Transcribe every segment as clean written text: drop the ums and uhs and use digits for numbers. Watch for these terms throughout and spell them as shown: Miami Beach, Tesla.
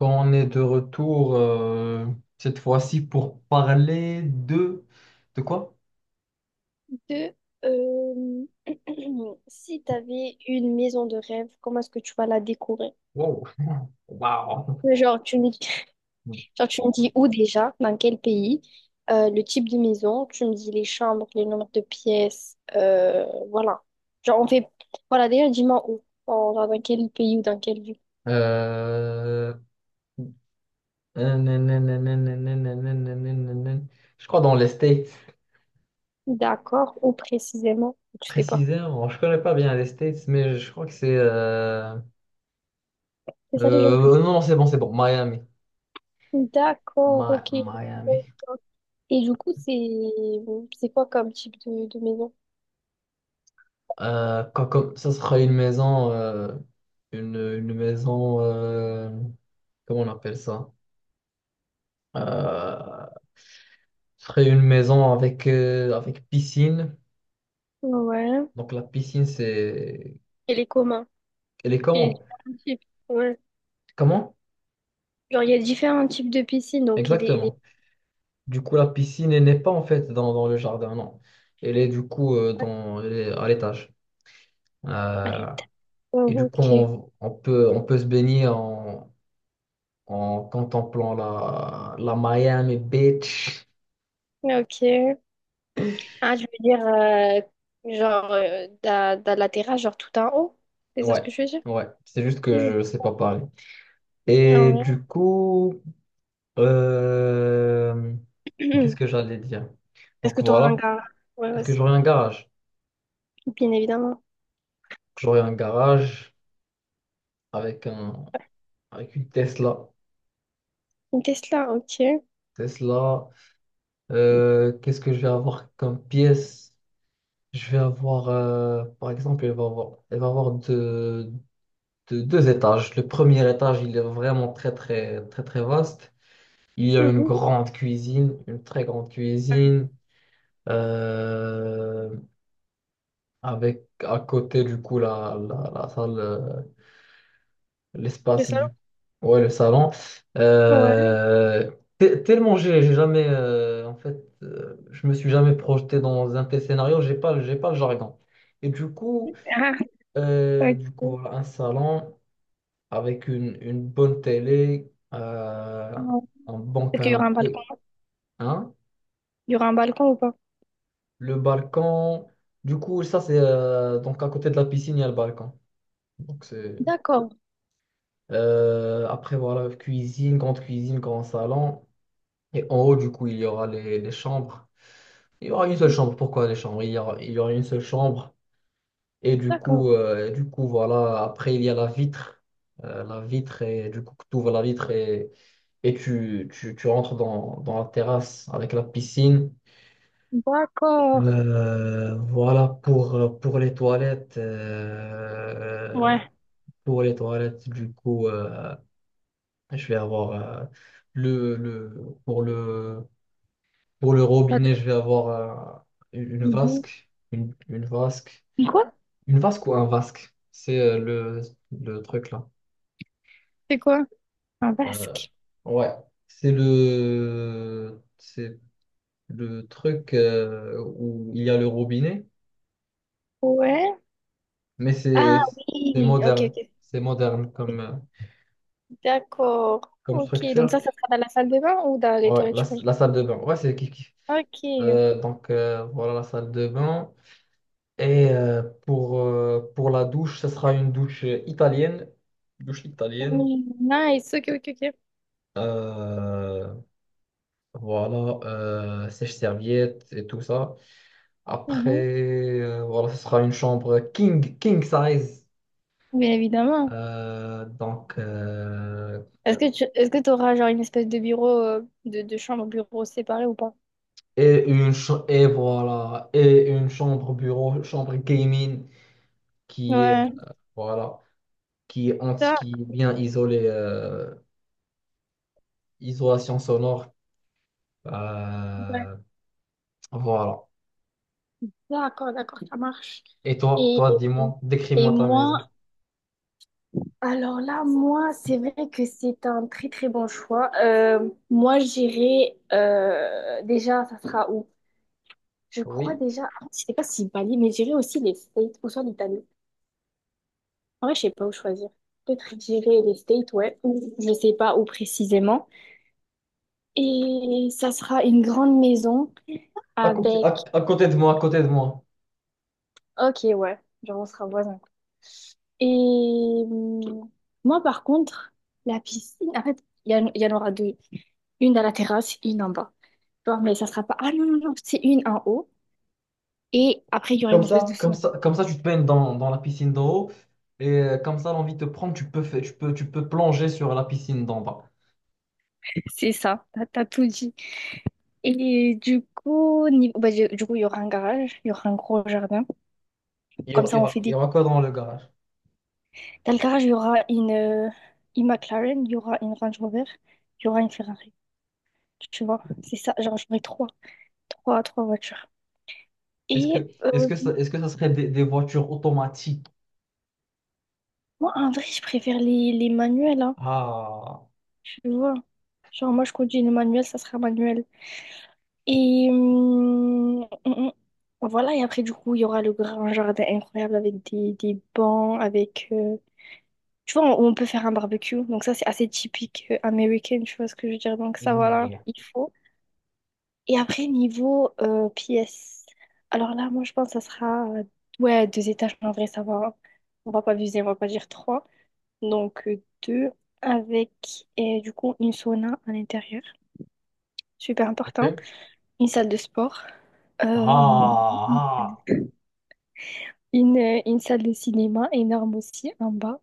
On est de retour cette fois-ci pour parler de quoi? De, euh, Si tu avais une maison de rêve, comment est-ce que tu vas la décorer? Wow, wow. Euh, Genre, tu me, genre, tu me dis où déjà, dans quel pays, le type de maison, tu me dis les chambres, les nombres de pièces, voilà. Genre, on fait... Voilà, déjà, dis-moi où, genre, dans quel pays ou dans quelle ville. Euh, Je crois dans les States. D'accord, où précisément, tu sais pas. Précisément, je connais pas bien les States, mais je crois que c'est C'est ça les gens plus. Non, c'est bon, Miami, D'accord, Mi- ok. Bon. Miami. Et du coup, c'est quoi comme type de maison? Comme, ça sera une maison, une maison, comment on appelle ça? Euh, Ce serait une maison avec, avec piscine. Ouais. Donc la piscine, c'est... Elle est comment? Elle est Il y a comment? différents types. Ouais. Comment? Genre, il y a différents types de piscines, donc elle est, elle est, Exactement. Du coup, la piscine, elle n'est pas en fait dans le jardin, non. Elle est du coup dans, elle est à l'étage. elle Euh, est- et Oh, du coup, ok. On peut se baigner en contemplant la Miami Beach. Ok. Ah, je veux dire, genre, dans la terrasse, genre tout en haut. C'est ça ce Ouais, que je veux dire? ouais. C'est juste que Ok. je sais pas parler. Ah Et ouais. du coup, euh, qu'est-ce que j'allais dire? Est-ce que Donc tu auras un voilà. gars? Ouais, Est-ce ouais, que c'est- j'aurais un garage? bien évidemment. J'aurais un garage avec un avec une Tesla. Une Tesla, ok. Tesla. Qu'est-ce que je vais avoir comme pièce? Je vais avoir, par exemple, elle va avoir deux étages. Le premier étage, il est vraiment très très très très vaste. Il y a une Mhm. grande cuisine, une très grande cuisine, euh, avec à côté du coup la salle. Le L'espace salon? du... Ouais, le salon. Ouais. Euh, tellement j'ai jamais... en fait, je me suis jamais projeté dans un tel scénario. J'ai pas le jargon. Et du coup, Ah, ok. Voilà, un salon avec une bonne télé, Ouais. un bon Est-ce qu'il y aura un canapé, balcon? hein, Il y aura un balcon ou pas? le balcon. Du coup, ça, c'est... donc, à côté de la piscine, il y a le balcon. Donc, c'est... D'accord. Après, voilà, cuisine, grande cuisine, grand salon. Et en haut, du coup, il y aura les chambres. Il y aura une seule chambre. Pourquoi les chambres? Il y aura une seule chambre. Et du D'accord. coup, voilà. Après, il y a la vitre. La vitre, et du coup, tu ouvres la vitre et tu rentres dans la terrasse avec la piscine. D'accord. Voilà pour les toilettes. Ouais. Pour les toilettes, du coup, je vais avoir euh, pour le. Pour le Ça robinet, te- je vais avoir une Mhm. vasque. Une vasque. Quoi? Une vasque ou un vasque? C'est le truc là. C'est quoi? Un Euh, basque. ouais. C'est le truc où il y a le robinet, Ouais. mais Ah c'est oui, ok, moderne. ok. C'est moderne comme, D'accord. comme Ok, donc structure. ça sera dans la salle de bain ou dans les Ouais, toilettes, je pense. la salle de bain. Ouais, c'est kiff kiff. Ok. Donc voilà la salle de bain. Et pour la douche, ce sera une douche italienne. Douche italienne. Mm, nice, ok, ok, ok. Euh, voilà, sèche-serviette et tout ça. Après, Mhm. Voilà, ce sera une chambre king, king size. Bien évidemment. Euh, donc, euh, Est-ce que t'auras genre une espèce de bureau, de chambre, bureau séparé ou pas? et, et voilà, et une chambre bureau, chambre gaming qui est, Ouais. voilà, Ça, qui est bien isolée, isolation sonore. Euh, voilà. d'accord. Et toi, Et, toi, dis-moi, et décris-moi ta maison. moi, alors là, moi, que c'est un très bon choix. Moi, déjà, ça sera où? Je crois Oui, déjà, ah, je sais pas si Bali, mais j'irai aussi les Philippines. En vrai, je sais pas où choisir. Peut-être je dirais les States, ouais, ou les aimants. Et ça sera une grande maison à côté, avec... à côté de moi, à côté de moi. Ok, ouais, genre on sera voisins. Et hum, moi, par contre, la piscine, en fait, il y en aura deux. Une à la terrasse, une en bas. Bon, mais ça sera pas... Ah non, non, non, c'est une en haut. Et après, il y aura Comme une espèce de ça, comme sauna. ça, comme ça, tu te baignes dans la piscine d'en haut et comme ça, l'envie te prend, tu peux faire, tu peux plonger sur la piscine d'en bas. C'est ça, t'as tout dit. Et du coup, bah, du coup, il y aura un garage, il y aura un gros jardin. Comme ça, on fait Il y des... aura quoi dans le garage? Dans le garage, il y aura une McLaren, il y aura une Range Rover, il y aura une Ferrari. Tu vois, c'est ça. Genre, j'aurai trois voitures. Et Est-ce que ça serait des voitures automatiques? moi, en vrai, je préfère les manuels, hein, Ah, tu vois. Genre, moi, je conduis une manuel, ça sera manuel. Et voilà, et après, du coup, il y aura le grand jardin incroyable avec des bancs, avec... Tu vois, on peut faire un barbecue. Donc ça, c'est assez typique américain, tu vois ce que je veux dire. Donc ça, voilà, yeah. il faut. Et après, niveau pièces, alors là, moi, je pense que ça sera ouais, deux étages. En vrai, ça va, hein. On va pas viser, on va pas dire trois. Donc, deux avec, et du coup, une sauna à l'intérieur. Super important. Ok. Une salle de sport. Euh, Ah, ah. une une salle de cinéma énorme aussi en bas,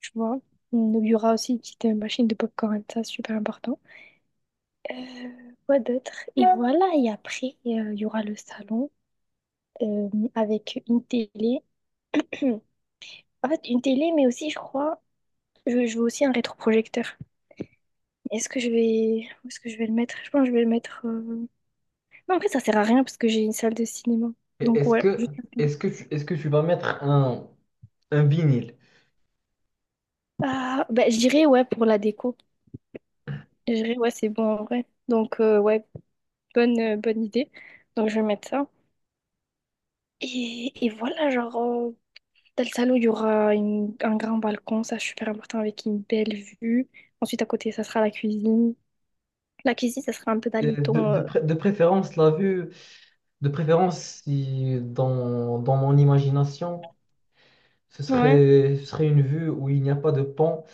tu vois. Il y aura aussi une petite machine de popcorn, ça, super important. Quoi d'autre? Et voilà, et après, il y aura le salon euh, avec une télé. En fait, une télé, mais aussi, je crois, je veux aussi un rétroprojecteur. Est-ce que je vais, où est-ce que je vais le mettre? Je pense que je vais le mettre. Non, en fait, ça sert à rien parce que j'ai une salle de cinéma. Et Donc Est-ce ouais, que, je. Est-ce que tu vas mettre un vinyle? Ah, bah, je dirais ouais pour la déco. Je dirais ouais, c'est bon en vrai. Donc ouais, bonne idée. Donc je vais mettre ça. Et voilà, genre dans le salon, il y aura une- un grand balcon, ça c'est super important avec une belle vue. Ensuite à côté, ça sera la cuisine. La cuisine, ça sera un peu dans les tons De préférence, la vue. De préférence, si dans mon imagination, ouais, ce serait une vue où il n'y a pas de pont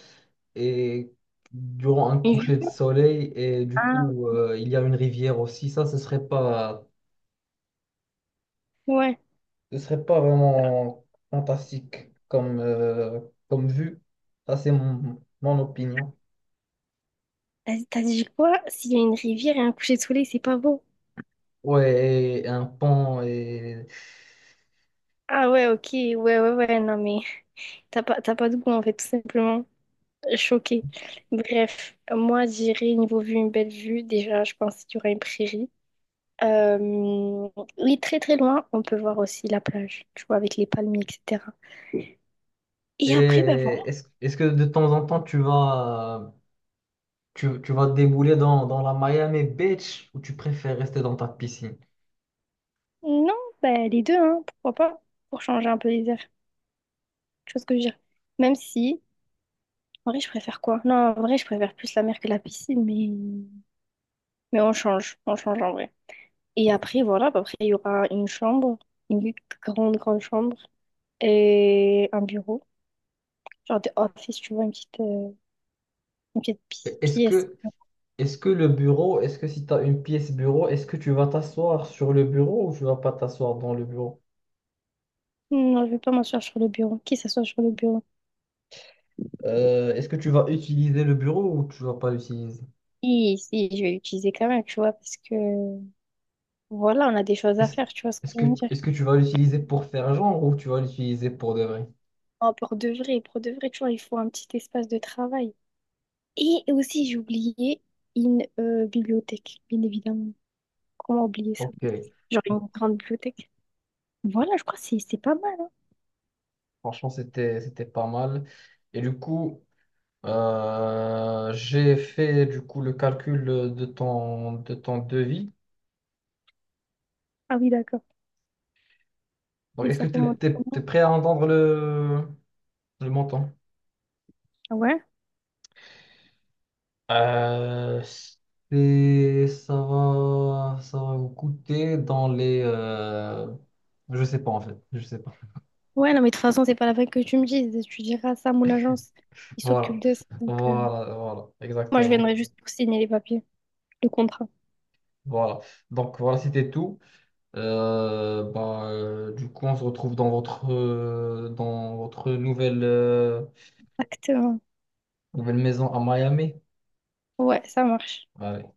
et durant un une coucher de vue. soleil et du Ah, coup il y a une rivière aussi. Ça, ouais. ce serait pas vraiment fantastique comme, comme vue. Ça, c'est mon, mon opinion. T'as t'as dit quoi? S'il y a une rivière et un coucher de soleil, c'est pas beau. Ouais, et un pont Ah ouais, ok, ouais, ouais, ouais, non mais t'as pas de goût en fait, tout simplement. Choquée. Bref, moi j'irai niveau vue, une belle vue. Déjà, je pense qu'il y aura une prairie. Euh, Oui, très très loin, on peut voir aussi la plage, tu vois, avec les palmiers, etc. et Et après, bah voilà. est-ce, est-ce que de temps en temps tu vas débouler dans la Miami Beach ou tu préfères rester dans ta piscine? Non, bah les deux, hein, pourquoi pas? Pour changer un peu les airs. Tu vois ce que je veux dire? Même si, en vrai, je préfère quoi? Non, en vrai, je préfère plus la mer que la piscine, mais. Mais on change en vrai. Et après, voilà, bah, après, il y aura une chambre, une grande chambre et un bureau. Genre des office, tu vois, une petite Et Est-ce pièce. que, est-ce que le bureau, est-ce que si tu as une pièce bureau, est-ce que tu vas t'asseoir sur le bureau ou tu vas pas t'asseoir dans le bureau? Non, je vais pas m'asseoir sur le bureau. Qui s'assoit sur le bureau? Est-ce que tu vas utiliser le bureau ou tu vas pas l'utiliser? Si, si, je vais l'utiliser quand même, tu vois, parce que voilà, on a des choses à Est-ce, faire, tu vois ce que je veux dire. est-ce que tu vas l'utiliser pour faire genre ou tu vas l'utiliser pour de vrai? Non, pour de vrai, tu vois, il faut un petit espace de travail. Et aussi, j'ai oublié une bibliothèque, bien évidemment. Comment oublier ça? Ok, Genre bon, une grande bibliothèque. Voilà, je crois que c'est pas mal, hein. franchement, c'était, c'était pas mal. Et du coup, j'ai fait du coup le calcul de ton devis. Ah oui, d'accord. Donc, Et est-ce ça que tu remonte es, comment? prêt à entendre le montant? Ah ouais? Euh, ça va vous coûter dans les... je sais pas en fait, je sais pas. Ouais, non, mais de toute façon, c'est pas la peine que tu me dises. Tu diras ça à mon agence. Ils Voilà, s'occupe de ça. Donc, voilà, moi, je exactement. viendrai juste pour signer les papiers, le contrat. Voilà. Donc voilà, c'était tout. Du coup, on se retrouve dans votre nouvelle, Exactement. nouvelle maison à Miami. Ouais, ça marche. Allez.